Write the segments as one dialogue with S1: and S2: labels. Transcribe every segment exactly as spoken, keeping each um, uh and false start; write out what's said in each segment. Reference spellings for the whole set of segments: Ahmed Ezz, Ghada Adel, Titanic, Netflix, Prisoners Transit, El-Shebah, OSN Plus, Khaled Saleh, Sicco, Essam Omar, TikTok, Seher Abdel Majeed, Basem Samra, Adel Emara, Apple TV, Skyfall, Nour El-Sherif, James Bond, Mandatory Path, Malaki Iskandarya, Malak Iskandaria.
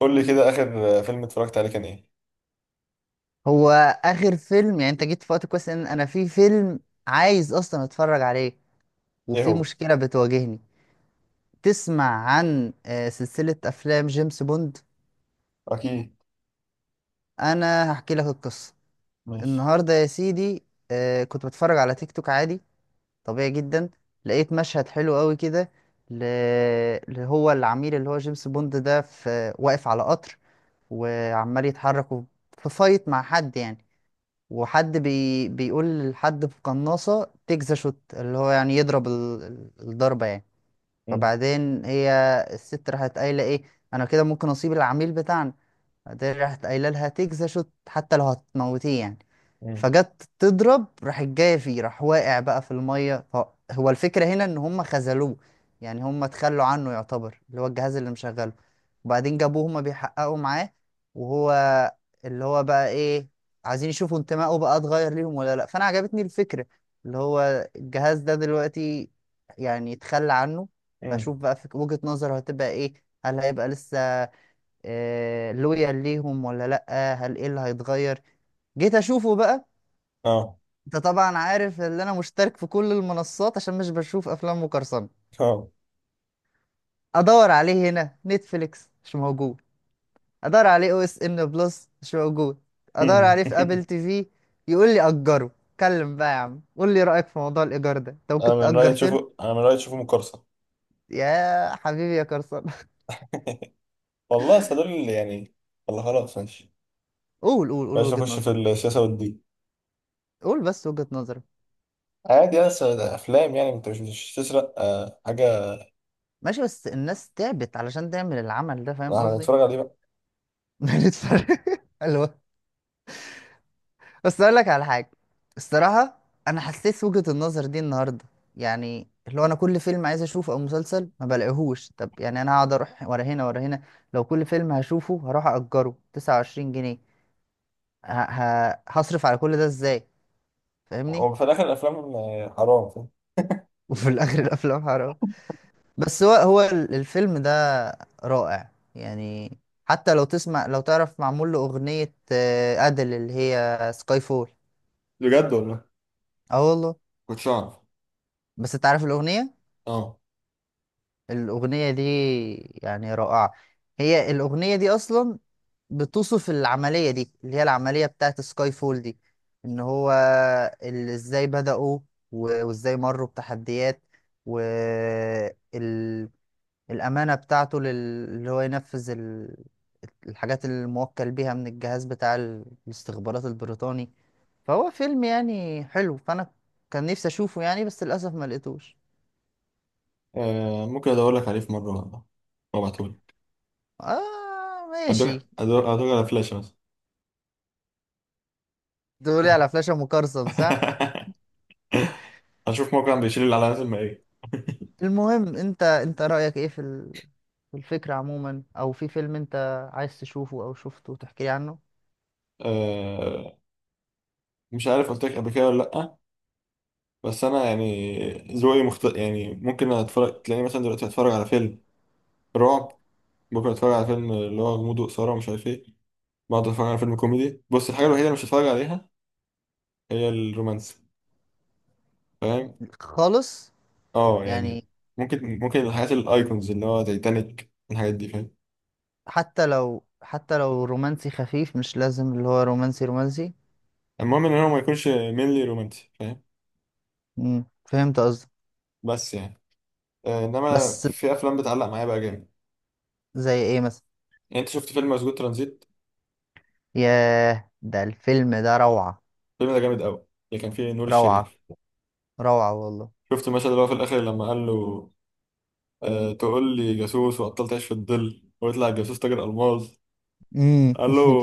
S1: قول لي كده آخر فيلم اتفرجت عليه كان إيه؟
S2: هو اخر فيلم، يعني انت جيت في وقت كويس ان انا في فيلم عايز اصلا اتفرج عليه
S1: إيه
S2: وفي
S1: هو؟
S2: مشكله بتواجهني. تسمع عن آه، سلسله افلام جيمس بوند.
S1: أكيد.
S2: انا هحكي لك القصه.
S1: ماشي.
S2: النهارده يا سيدي، آه، كنت بتفرج على تيك توك عادي، طبيعي جدا. لقيت مشهد حلو قوي كده ل- اللي هو العميل، اللي هو جيمس بوند ده، في واقف على قطر وعمال يتحرك، في فايت مع حد يعني. وحد بي... بيقول لحد بقناصة تكزا شوت، اللي هو يعني يضرب ال... ال- الضربة يعني.
S1: مم.
S2: فبعدين هي الست راحت قايلة ايه: انا كده ممكن اصيب العميل بتاعنا. بعدين راحت قايله لها تجزا شوت، حتى لو هتموتيه يعني.
S1: مم.
S2: فجت تضرب، راحت جايه فيه، راح واقع بقى في الميه. ف- هو الفكره هنا ان هم خذلوه، يعني هم تخلوا عنه، يعتبر اللي هو الجهاز اللي مشغله. وبعدين جابوه هما بيحققوا معاه. وهو اللي هو بقى ايه، عايزين يشوفوا انتمائه بقى اتغير ليهم ولا لا. فانا عجبتني الفكره، اللي هو الجهاز ده دلوقتي يعني يتخلى عنه.
S1: مم.
S2: فاشوف بقى في وجهة نظره هتبقى ايه، هل هيبقى لسه آه، لويال ليهم ولا لأ، هل ايه اللي هيتغير. جيت اشوفه بقى.
S1: آه.
S2: انت طبعا عارف ان انا مشترك في كل المنصات عشان مش بشوف افلام مقرصنة.
S1: آه.
S2: ادور عليه هنا نتفليكس مش موجود، ادور عليه او اس ان بلس مش موجود، ادور
S1: مم.
S2: عليه في ابل تي في. يقول لي اجره. اتكلم بقى يا عم، قول لي رايك في موضوع الايجار ده، انت
S1: أنا
S2: ممكن
S1: من رأيي
S2: تاجر فيلم؟
S1: تشوفه، أنا من رأيي تشوفه مقرصة.
S2: يا حبيبي يا قرصان.
S1: والله أصل دول اللي يعني، والله خلاص، ماشي.
S2: قول قول قول
S1: بلاش
S2: وجهة
S1: نخش في
S2: نظرك.
S1: السياسة والدين.
S2: قول بس وجهة نظرك.
S1: عادي، يا أصل ده أفلام يعني، أنت مش مش تسرق آه، حاجة.
S2: ماشي، بس الناس تعبت علشان تعمل العمل ده، فاهم
S1: إحنا
S2: قصدي.
S1: هنتفرج عليه بقى.
S2: بنتفرج. حلو. بس اقول لك على حاجه. الصراحه، انا حسيت وجهه النظر دي النهارده، يعني اللي هو انا كل فيلم عايز اشوفه او مسلسل ما بلاقيهوش. طب يعني انا هقعد اروح ورا هنا ورا هنا؟ لو كل فيلم هشوفه هروح اجره تسعة وعشرين جنيه، ه... ه... هصرف على كل ده ازاي؟ فاهمني.
S1: هو في الآخر الأفلام آه، حرام، فاهم؟
S2: وفي الاخر الافلام حرام. بس هو هو ال- الفيلم ده رائع يعني. حتى لو تسمع، لو تعرف معمول له اغنيه آه، ادل، اللي هي سكاي فول.
S1: بجد والله،
S2: اه والله.
S1: كنتش أعرف.
S2: بس انت عارف الاغنيه؟
S1: آه.
S2: الأغنية دي يعني رائعة. هي الأغنية دي أصلا بتوصف العملية دي، اللي هي العملية بتاعت سكاي فول دي. إن هو ال- إزاي بدأوا و- وإزاي مروا بتحديات، والأمانة بتاعته لل- اللي هو ينفذ ال- الحاجات اللي الموكل بيها من الجهاز بتاع ال- الاستخبارات البريطاني. فهو فيلم يعني حلو، فأنا كان نفسي أشوفه يعني بس للأسف ما لقيتوش.
S1: آه، ممكن أدور لك عليه في مرة والله، وابعتهولك.
S2: آه
S1: أدور
S2: ماشي.
S1: أدور أدور على فلاشة بس.
S2: تقولي على فلاشة مقرصن صح؟
S1: هنشوف موقع بيشيل الاعلانات المائية.
S2: المهم، انت انت رأيك ايه في ال... في الفكرة عموما، او في فيلم انت عايز تشوفه او شفته وتحكي لي عنه؟
S1: أه، مش عارف قلت لك قبل كده ولا لأ، بس أنا يعني ذوقي مخت... يعني ممكن أتفرج، تلاقيني مثلا دلوقتي أتفرج على فيلم رعب، ممكن أتفرج على فيلم اللي هو غموض وإثارة ومش عارف إيه، بقعد أتفرج على فيلم كوميدي. بص، الحاجة الوحيدة اللي مش هتفرج عليها هي الرومانسي، فاهم.
S2: خالص،
S1: أه يعني
S2: يعني.
S1: ممكن ممكن الحاجات الأيكونز اللي هو تايتانيك الحاجات دي، فاهم.
S2: حتى لو حتى لو رومانسي خفيف، مش لازم اللي هو رومانسي رومانسي.
S1: المهم إن هو ما يكونش مينلي رومانسي، فاهم.
S2: امم، فهمت قصدك.
S1: بس يعني أه، إنما
S2: بس
S1: في أفلام بتعلق معايا بقى جامد.
S2: زي ايه مثلا؟
S1: يعني أنت شفت فيلم مسجون ترانزيت؟
S2: ياه، ده الفيلم ده روعة.
S1: الفيلم ده جامد قوي، اللي كان فيه نور
S2: روعة.
S1: الشريف.
S2: روعة والله.
S1: شفت المشهد اللي هو في الاخر لما قال له آه تقول لي جاسوس وبطلت تعيش في الظل ويطلع الجاسوس تاجر الماظ؟
S2: امم.
S1: قال له،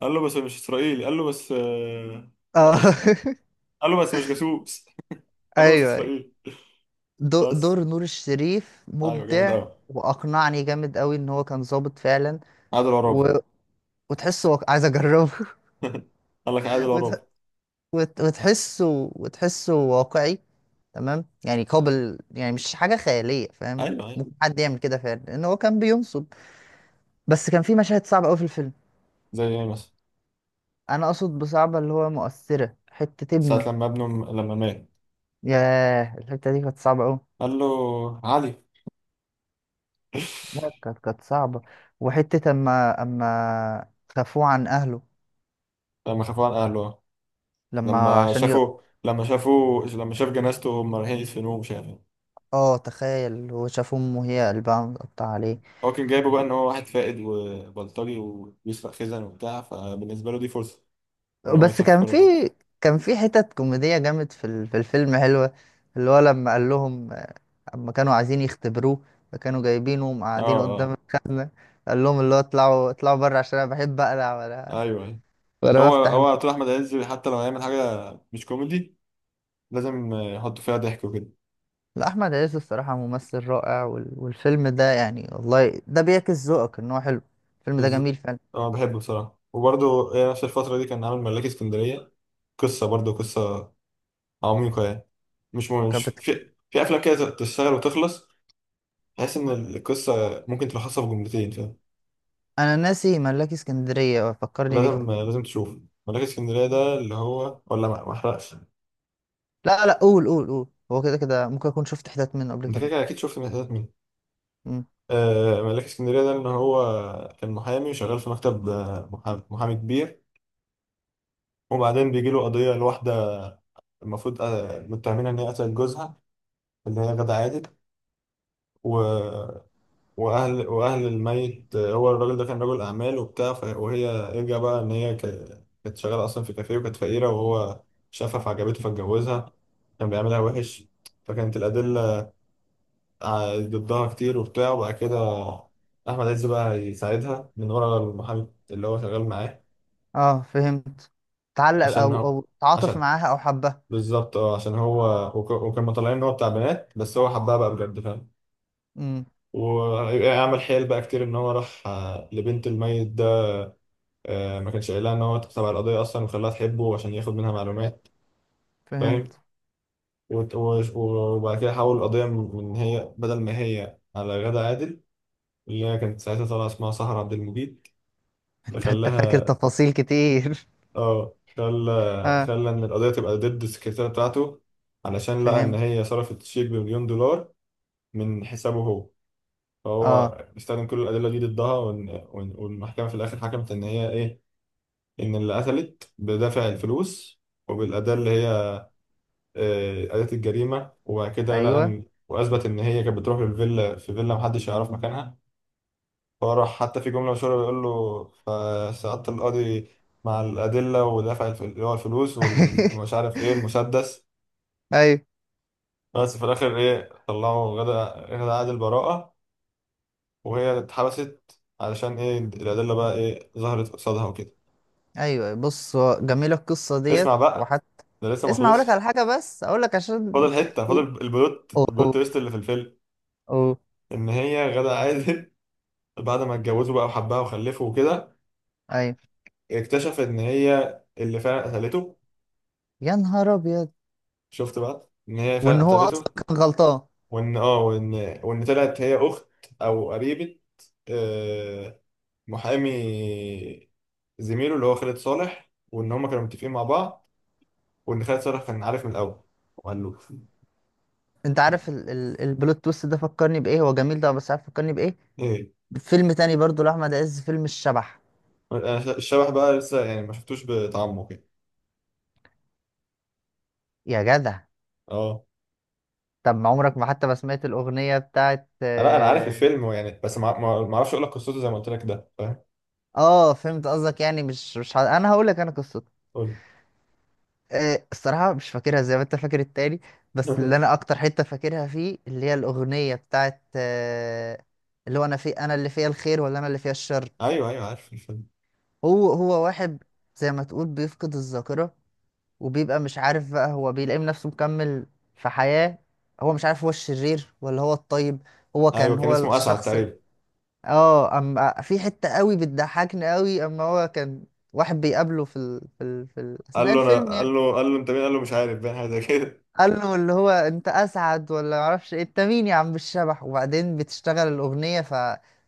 S1: قال له بس مش اسرائيلي، قال له بس آه،
S2: اه.
S1: قال له بس مش جاسوس. قال له بس
S2: ايوه.
S1: اسرائيلي،
S2: دو-
S1: بس.
S2: دور نور الشريف
S1: ايوه، جامد
S2: مبدع.
S1: قوي.
S2: واقنعني جامد قوي ان هو كان ظابط فعلا
S1: عادل عرابي.
S2: و... وتحسه، واق- عايز اجربه.
S1: قال لك عادل
S2: وت...
S1: عرابي.
S2: وت... وتحسه وتحسه واقعي، تمام يعني قابل، يعني مش حاجه خياليه، فاهم.
S1: ايوه، ايوه.
S2: ممكن حد يعمل كده فعلا، لان هو كان بينصب. بس كان في مشاهد صعبه قوي في الفيلم.
S1: زي ايه مثلا؟
S2: انا اقصد بصعبه اللي هو مؤثره، حته ابنه.
S1: ساعة لما ابنه لما مات،
S2: ياه، الحته دي كانت صعبه قوي.
S1: قال له علي.
S2: لا، كانت كانت صعبه. وحته اما اما خافوه عن اهله.
S1: لما خافوا عن اهله،
S2: لما
S1: لما
S2: عشان ي...
S1: شافوا لما شافوا لما شاف جنازته هم رايحين يدفنوه مش عارف إيه.
S2: اه تخيل هو شاف امه هي قلبها متقطع عليه.
S1: هو كان جايبه بقى ان هو واحد فائد وبلطجي وبيسرق خزن وبتاع، فبالنسبه له دي فرصه ان هو
S2: بس كان
S1: يسفره
S2: في
S1: بقى.
S2: كان في حتت كوميدية جامد في ال- في الفيلم حلوة. اللي هو لما قال لهم، اما كانوا عايزين يختبروه، فكانوا جايبينه
S1: اه،
S2: ومقعدينه قدام
S1: اه.
S2: الخ- قال لهم اللي هو اطلعوا اطلعوا بره عشان انا بحب اقلع، ولا
S1: ايوه، أيوة.
S2: ولا
S1: هو
S2: بفتح الخ...
S1: هو طول احمد عز حتى لو هيعمل حاجه مش كوميدي لازم يحط فيها ضحك وكده.
S2: لا، احمد عز الصراحة ممثل رائع، وال... والفيلم ده يعني والله ده بيعكس ذوقك ان هو حلو. الفيلم ده
S1: بالظبط،
S2: جميل فعلا.
S1: اه بحبه بصراحه، وبرده نفس الفتره دي كان عامل ملاك اسكندريه، قصه، برضه قصه عميقه يعني. مش مش
S2: كانت بت-
S1: في في افلام كده تشتغل وتخلص، بحس ان القصه ممكن تلخصها في جملتين، فاهم.
S2: انا ناسي ملاكي اسكندرية، فكرني بيه.
S1: لازم لازم تشوف ملاك اسكندريه ده، اللي هو، ولا ما ما احرقش؟
S2: لا لا قول قول قول، هو كده كده ممكن اكون شفت حتت منه قبل
S1: انت كده
S2: كده.
S1: كده اكيد شفت من حتت منه.
S2: امم.
S1: آه، ملاك اسكندريه ده ان هو كان محامي وشغال في مكتب، آه، محامي, محامي كبير. وبعدين بيجي له قضيه لواحده، المفروض آه، متهمينها ان هي قتلت جوزها، اللي هي غادة عادل. و... واهل واهل الميت، هو الراجل ده كان رجل اعمال وبتاع ف- وهي يرجع بقى ان هي ك- كانت شغاله اصلا في كافيه وكانت فقيره، وهو شافها فعجبته فاتجوزها، كان بيعملها وحش. فكانت الادله ع- ضدها كتير وبتاع. وبعد كده احمد عز بقى يساعدها من ورا المحامي اللي هو شغال معاه
S2: اه فهمت. تعلق
S1: عشان
S2: او
S1: هو
S2: او تعاطف
S1: عشان
S2: معاها او حبها.
S1: بالظبط، اه عشان هو وك- وكانوا طالعين ان هو بتاع بنات، بس هو حبها بقى بجد، فاهم.
S2: امم،
S1: ويعمل حيل بقى كتير، ان هو راح آه، لبنت الميت، آه، ما كانش قايلها ان هو تبع القضيه اصلا، وخلاها تحبه عشان ياخد منها معلومات، فاهم.
S2: فهمت.
S1: وت- وش- وبعد كده حول القضيه من من هي، بدل ما هي على غادة عادل اللي هي كانت ساعتها طالعه اسمها سهر عبد المجيد،
S2: انت فاكر
S1: فخلاها
S2: تفاصيل كتير.
S1: اه خلى
S2: اه
S1: خلى ان القضيه تبقى ضد السكرتيره بتاعته، علشان لقى ان
S2: فهمت.
S1: هي صرفت شيك بمليون دولار من حسابه هو. فهو
S2: اه.
S1: استخدم كل الادله دي ضدها وإن- وإن- والمحكمه في الاخر حكمت ان هي ايه، ان اللي قتلت بدافع الفلوس وبالاداه اللي هي آه، أداة الجريمة. وبعد كده لقى
S2: ايوه.
S1: إن وأثبت إن هي كانت بتروح للفيلا، في فيلا محدش يعرف مكانها، فهو راح. حتى في جملة مشهورة بيقول له فسقطت القاضي مع الأدلة ودفع الف- اللي هو الفلوس وال- ومش عارف إيه المسدس.
S2: ايوه
S1: بس في الآخر إيه، طلعوا غدا غدا عادل البراءة، وهي اتحبست، علشان إيه الأدلة بقى إيه ظهرت قصادها وكده.
S2: ايوه، بص هو جميله القصه ديت
S1: اسمع بقى،
S2: وحتى.
S1: ده لسه ما
S2: اسمع، اقول لك على
S1: خلصش.
S2: حاجه، بس اقول لك عشان.
S1: فاضل حتة، فاضل البلوت
S2: اوه
S1: البلوت
S2: اوه.
S1: تويست اللي في الفيلم.
S2: أوه.
S1: إن هي غدا عادل بعد ما اتجوزوا بقى وحبها وخلفوا وكده،
S2: ايوه.
S1: اكتشف ان هي اللي فعلا قتلته.
S2: يا نهار ابيض.
S1: شفت بقى ان هي فعلا
S2: وان هو اصلا
S1: قتلته،
S2: كان غلطان.
S1: وان اه وان وان طلعت هي اخت او قريبة آه، محامي زميله اللي هو خالد صالح، وان هما كانوا متفقين مع بعض، وان خالد صالح كان عارف من الاول، وقال له.
S2: انت عارف ال... ال... البلوت تويست ده فكرني بايه، هو جميل ده، بس عارف فكرني بايه؟
S1: ايه؟
S2: فيلم تاني برضو لأحمد عز، فيلم الشبح.
S1: انا الشبح بقى لسه يعني ما شفتوش بطعمه كده.
S2: يا جدع.
S1: اه،
S2: طب ما عمرك ما حتى ما سمعت الأغنية بتاعت
S1: لا انا عارف
S2: اه.
S1: الفيلم يعني، بس ما ما- ما اعرفش اقول لك قصته زي ما قلت لك ده، فاهم.
S2: آه، فهمت قصدك. يعني مش مش ه... انا هقول لك انا قصته.
S1: قول
S2: آه، الصراحة مش فاكرها زي ما انت فاكر التاني. بس
S1: لي.
S2: اللي انا اكتر حتة فاكرها فيه، اللي هي الأغنية بتاعت آه اللي هو انا في، انا اللي فيها الخير ولا انا اللي فيها الشر.
S1: ايوه، ايوه، عارف الفيلم.
S2: هو هو واحد، زي ما تقول بيفقد الذاكرة، وبيبقى مش عارف بقى، هو بيلاقي نفسه مكمل في حياة، هو مش عارف هو الشرير ولا هو الطيب. هو
S1: ايوه
S2: كان
S1: كان
S2: هو
S1: اسمه اسعد
S2: الشخص ال-
S1: تقريبا.
S2: اه، اما في حتة قوي بتضحكني قوي، اما هو كان واحد بيقابله في ال... في ال... في ال...
S1: قال
S2: اثناء
S1: له انا
S2: الفيلم
S1: قال
S2: يعني.
S1: له قال له انت مين؟ قال له مش عارف، باين حاجه زي كده.
S2: قال له اللي هو انت اسعد ولا معرفش ايه، انت مين يا عم الشبح، وبعدين بتشتغل الاغنية ف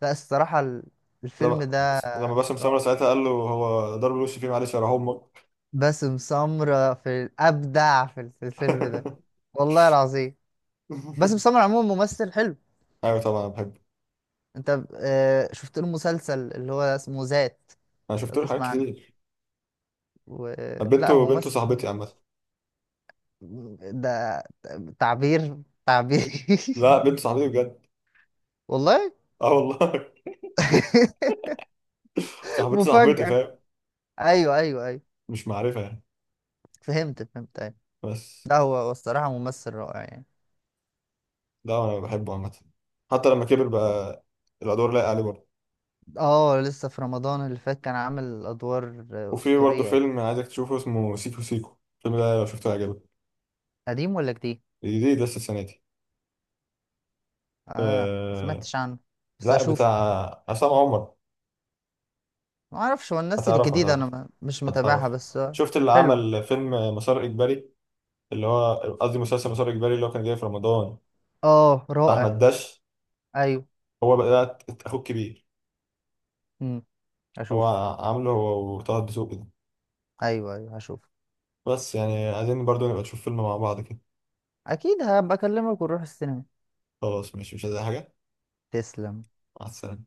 S2: لا، الصراحة ال- الفيلم
S1: لما
S2: ده
S1: لما باسم سمره
S2: رائع.
S1: ساعتها قال له هو ضرب الوش فيه معلش يا امك.
S2: باسم سمرة في ابدع في ال- في الفيلم ده، والله العظيم. باسم سمرة عموما ممثل حلو.
S1: ايوه طبعا بحبه.
S2: انت آه، شفت له مسلسل اللي هو اسمه ذات؟
S1: انا
S2: لو
S1: شفت له حاجات
S2: تسمع عنه
S1: كتير.
S2: و... لا هو
S1: بنته، بنته صاحبتي
S2: ممثل
S1: عامه.
S2: ده، تعبير تعبير.
S1: لا، بنت صاحبتي بجد.
S2: والله.
S1: اه والله. صاحبتي، صاحبتي،
S2: مفاجأة.
S1: فاهم.
S2: ايوه ايوه ايوه.
S1: مش معرفه يعني،
S2: فهمت فهمت، ايوه.
S1: بس.
S2: لا، هو هو الصراحة ممثل رائع يعني.
S1: لا انا بحبه عامه، حتى لما كبر بقى الادوار لايقه عليه برضه.
S2: اه، لسه في رمضان اللي فات كان عامل ادوار آه،
S1: وفي برضه
S2: اسطورية يعني.
S1: فيلم عايزك تشوفه اسمه سيكو سيكو، الفيلم ده لو شفته هيعجبك،
S2: قديم ولا جديد؟
S1: جديد لسه السنه دي.
S2: اه، ما
S1: آه،
S2: سمعتش عنه بس
S1: لا، بتاع
S2: هشوفه.
S1: عصام عمر.
S2: ما اعرفش، هو الناس
S1: هتعرف،
S2: الجديدة
S1: هتعرف،
S2: انا ما- مش متابعها،
S1: هتعرف.
S2: بس آه،
S1: شفت اللي
S2: حلوة.
S1: عمل فيلم مسار إجباري، اللي هو قصدي مسلسل مسار إجباري اللي هو كان جاي في رمضان
S2: اه
S1: بتاع
S2: رائع.
S1: أحمد داش؟
S2: ايوه،
S1: هو بقى ده أخوه الكبير، هو
S2: اشوفه.
S1: عامله هو وطه الدسوقي ده.
S2: ايوه ايوه، هشوفه.
S1: بس يعني عايزين برضو نبقى نشوف فيلم مع بعض كده.
S2: اكيد هبقى اكلمك ونروح السينما.
S1: خلاص ماشي، مش عايز أي حاجة.
S2: تسلم.
S1: مع السلامة.